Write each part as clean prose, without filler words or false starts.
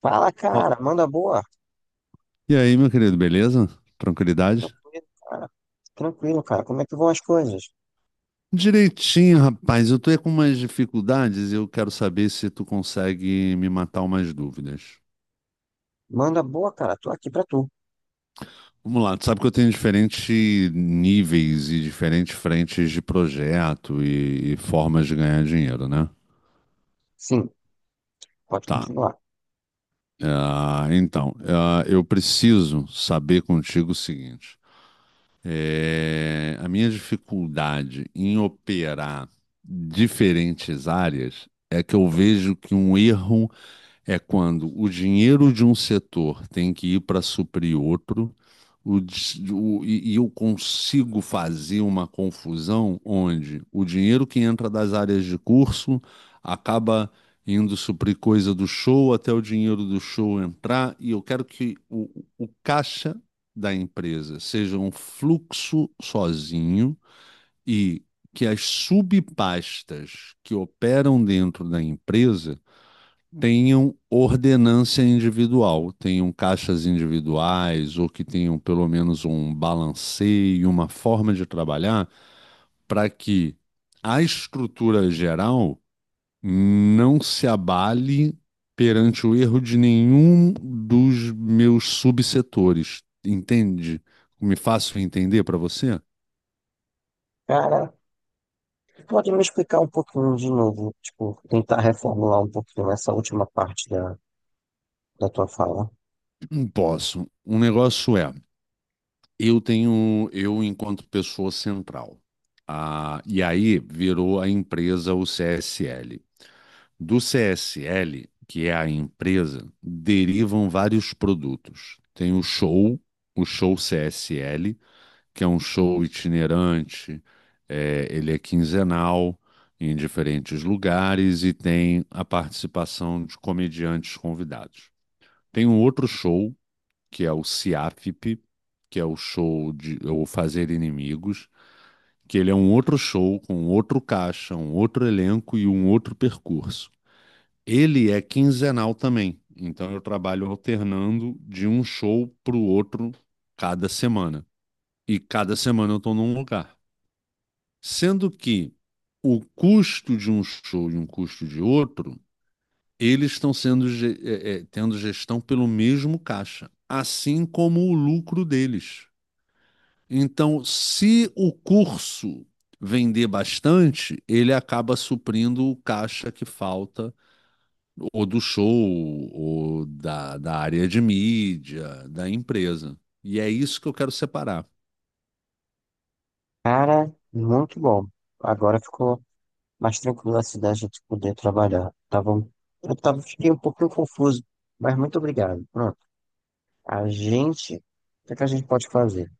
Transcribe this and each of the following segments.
Fala, Ó, cara, manda boa. e aí, meu querido, beleza? Tranquilidade? Tranquilo, cara. Como é que vão as coisas? Direitinho, rapaz. Eu tô aí com umas dificuldades e eu quero saber se tu consegue me matar umas dúvidas. Manda boa, cara. Tô aqui pra tu. Vamos lá, tu sabe que eu tenho diferentes níveis e diferentes frentes de projeto e formas de ganhar dinheiro, né? Sim, pode Tá. continuar. Então, eu preciso saber contigo o seguinte. É, a minha dificuldade em operar diferentes áreas é que eu vejo que um erro é quando o dinheiro de um setor tem que ir para suprir outro, o dis- o- e eu consigo fazer uma confusão onde o dinheiro que entra das áreas de curso acaba indo suprir coisa do show até o dinheiro do show entrar, e eu quero que o caixa da empresa seja um fluxo sozinho e que as subpastas que operam dentro da empresa tenham ordenância individual, tenham caixas individuais ou que tenham pelo menos um balanceio, uma forma de trabalhar, para que a estrutura geral não se abale perante o erro de nenhum dos meus subsetores. Entende? Me faço entender para você? Cara, pode me explicar um pouquinho de novo, tipo, tentar reformular um pouquinho essa última parte da tua fala. Não posso. Um negócio é. Eu enquanto pessoa central. E aí virou a empresa o CSL. Do CSL, que é a empresa, derivam vários produtos. Tem o show CSL, que é um show itinerante, ele é quinzenal em diferentes lugares e tem a participação de comediantes convidados. Tem um outro show que é o CIAFP, que é o show de ou Fazer Inimigos, que ele é um outro show com outro caixa, um outro elenco e um outro percurso. Ele é quinzenal também, então eu trabalho alternando de um show para o outro cada semana. E cada semana eu estou num lugar. Sendo que o custo de um show e um custo de outro, eles estão sendo tendo gestão pelo mesmo caixa, assim como o lucro deles. Então, se o curso vender bastante, ele acaba suprindo o caixa que falta, ou do show, ou da área de mídia, da empresa. E é isso que eu quero separar. Cara, muito bom. Agora ficou mais tranquilo assim da gente poder trabalhar. Eu tava, fiquei um pouquinho confuso, mas muito obrigado. Pronto. O que é que a gente pode fazer?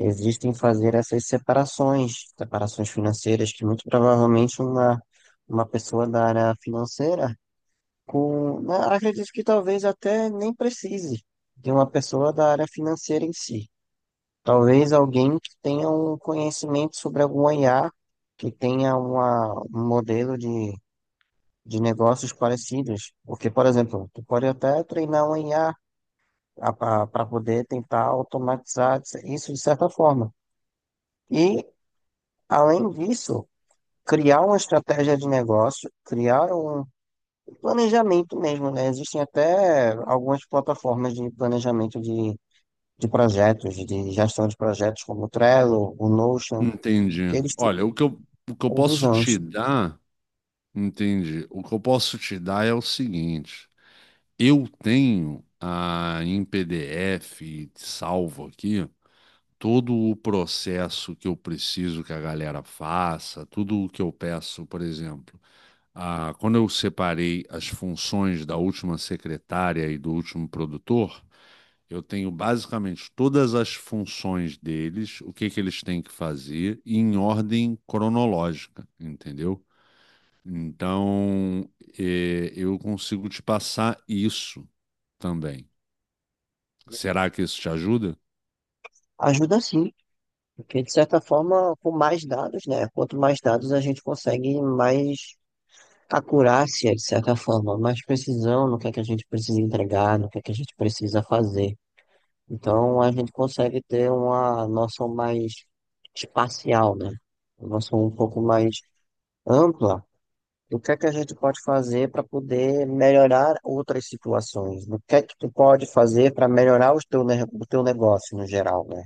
Existem fazer essas separações, separações financeiras que muito provavelmente uma pessoa da área financeira, com, né, acredito que talvez até nem precise de uma pessoa da área financeira em si. Talvez alguém que tenha um conhecimento sobre algum IA, que tenha um modelo de negócios parecidos. Porque, por exemplo, tu pode até treinar um IA para poder tentar automatizar isso de certa forma. E além disso, criar uma estratégia de negócio, criar um planejamento mesmo, né? Existem até algumas plataformas de planejamento de projetos, de gestão de projetos, como o Trello, o Notion, que Entendi. eles têm Olha, o que eu posso visões. te dar, entendi. O que eu posso te dar é o seguinte: eu tenho, em PDF salvo aqui todo o processo que eu preciso que a galera faça, tudo o que eu peço, por exemplo, quando eu separei as funções da última secretária e do último produtor, eu tenho basicamente todas as funções deles, o que que eles têm que fazer, em ordem cronológica, entendeu? Então, eu consigo te passar isso também. Será que isso te ajuda? Ajuda sim, porque de certa forma, com mais dados, né? Quanto mais dados a gente consegue, mais acurácia, de certa forma, mais precisão no que é que a gente precisa entregar, no que é que a gente precisa fazer. Então a gente consegue ter uma noção mais espacial, né? Uma noção um pouco mais ampla do que é que a gente pode fazer para poder melhorar outras situações, do que é que tu pode fazer para melhorar os teu, o teu negócio no geral, né?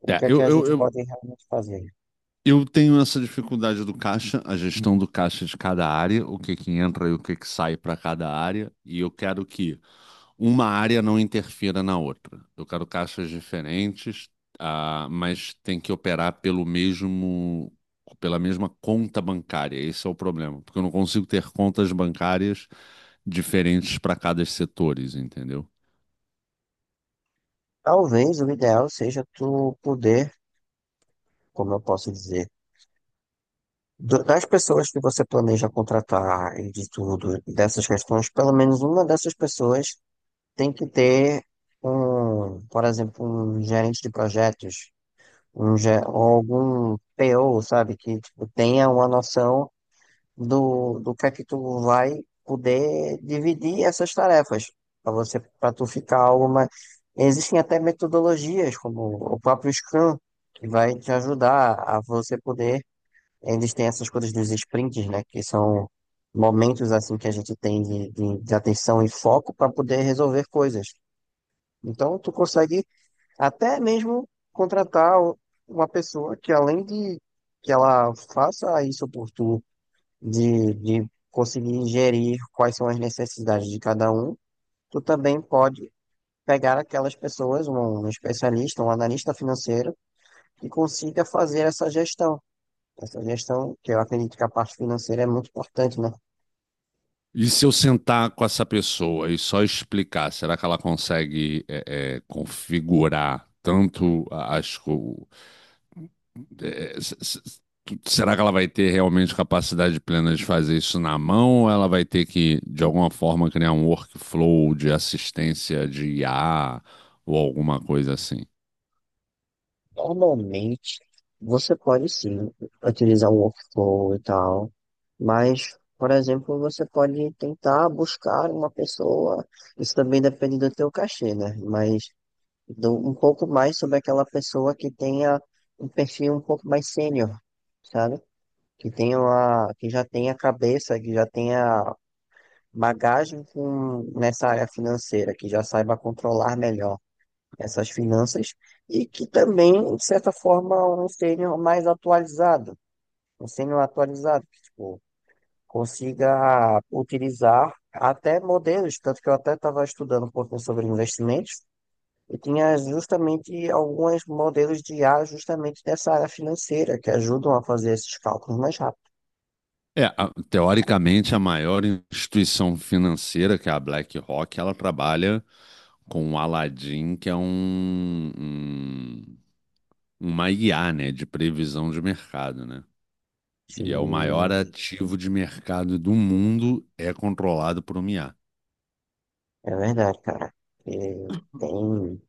O É, que é que eu, a eu, gente eu pode realmente fazer? Eu tenho essa dificuldade do caixa, a gestão do caixa de cada área, o que que entra e o que que sai para cada área, e eu quero que uma área não interfira na outra. Eu quero caixas diferentes, mas tem que operar pela mesma conta bancária. Esse é o problema, porque eu não consigo ter contas bancárias diferentes para cada setores, entendeu? Talvez o ideal seja tu poder, como eu posso dizer, das pessoas que você planeja contratar e de tudo, e dessas questões, pelo menos uma dessas pessoas tem que ter um, por exemplo, um gerente de projetos, ou algum PO, sabe, que tipo, tenha uma noção do que é que tu vai poder dividir essas tarefas para você, para tu ficar algo mais. Existem até metodologias, como o próprio Scrum, que vai te ajudar a você poder. Eles têm essas coisas dos sprints, né, que são momentos assim que a gente tem de atenção e foco para poder resolver coisas. Então, tu consegue até mesmo uma pessoa que, além de que ela faça isso por tu, de conseguir gerir quais são as necessidades de cada um, tu também pode pegar aquelas pessoas, um especialista, um analista financeiro, que consiga fazer essa gestão. Essa gestão, que eu acredito que a parte financeira é muito importante, né? E se eu sentar com essa pessoa e só explicar, será que ela consegue, configurar as coisas? é, s- s- Será que ela vai ter realmente capacidade plena de fazer isso na mão ou ela vai ter que, de alguma forma, criar um workflow de assistência de IA ou alguma coisa assim? Normalmente, você pode sim utilizar um workflow e tal, mas, por exemplo, você pode tentar buscar uma pessoa, isso também depende do teu cachê, né? Mas um pouco mais sobre aquela pessoa que tenha um perfil um pouco mais sênior, sabe? Que tenha uma, que já tenha cabeça, que já tenha bagagem com, nessa área financeira, que já saiba controlar melhor essas finanças e que também, de certa forma, um sênior mais atualizado, um sênior atualizado, que, tipo, consiga utilizar até modelos, tanto que eu até estava estudando um pouco sobre investimentos e tinha justamente alguns modelos de IA justamente dessa área financeira que ajudam a fazer esses cálculos mais rápido. É, teoricamente, a maior instituição financeira, que é a BlackRock, ela trabalha com o Aladdin, que é uma IA, né, de previsão de mercado, né? E é o maior Sim, ativo de mercado do mundo, é controlado por uma IA. é verdade, cara. E tem,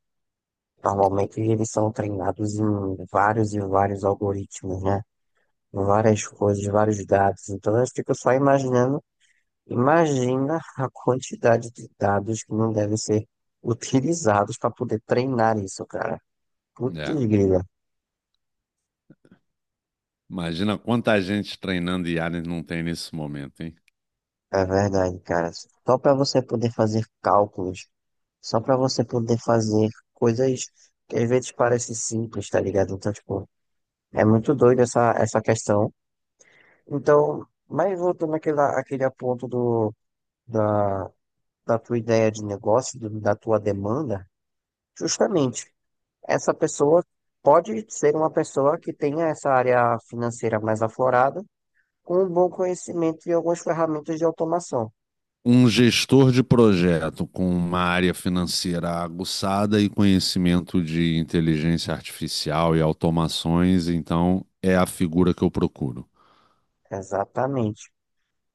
normalmente eles são treinados em vários e vários algoritmos, né? Várias coisas, vários dados. Então eu fico só imaginando, imagina a quantidade de dados que não devem ser utilizados para poder treinar isso, cara. Putz, É. grila. Imagina quanta gente treinando IA não tem nesse momento, hein? É verdade, cara. Só para você poder fazer cálculos, só para você poder fazer coisas que às vezes parecem simples, tá ligado? Então, tipo, é muito doido essa questão. Então, mas voltando àquele ponto da, da tua ideia de negócio, da tua demanda, justamente, essa pessoa pode ser uma pessoa que tenha essa área financeira mais aflorada, com um bom conhecimento de algumas ferramentas de automação. Um gestor de projeto com uma área financeira aguçada e conhecimento de inteligência artificial e automações, então é a figura que eu procuro. Exatamente.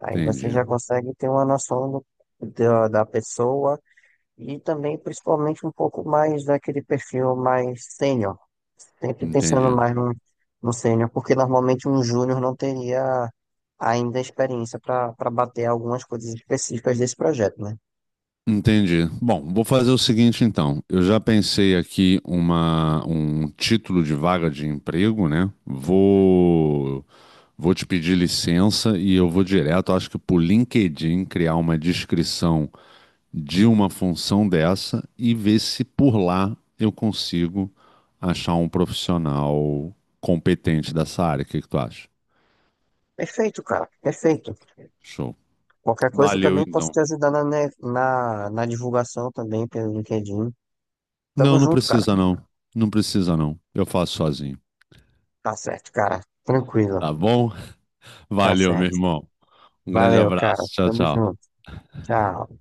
Aí você Entendi, já consegue ter uma noção da, da pessoa e também, principalmente, um pouco mais daquele perfil mais sênior. Sempre entendi, pensando mais no, no sênior, porque normalmente um júnior não teria ainda experiência para para bater algumas coisas específicas desse projeto, né? entendi. Bom, vou fazer o seguinte então. Eu já pensei aqui um título de vaga de emprego, né? Vou te pedir licença e eu vou direto, acho que por LinkedIn, criar uma descrição de uma função dessa e ver se por lá eu consigo achar um profissional competente dessa área. O que que tu acha? Perfeito, cara, perfeito. Show. Qualquer coisa eu Valeu, também posso então. te ajudar na, na divulgação também pelo LinkedIn. Tamo Não, não junto, cara. precisa não. Não precisa não. Eu faço sozinho, Tá certo, cara. Tranquilo. tá bom? Tá Valeu, meu certo. irmão. Um grande Valeu, cara. abraço. Tchau, Tamo tchau. junto. Tchau.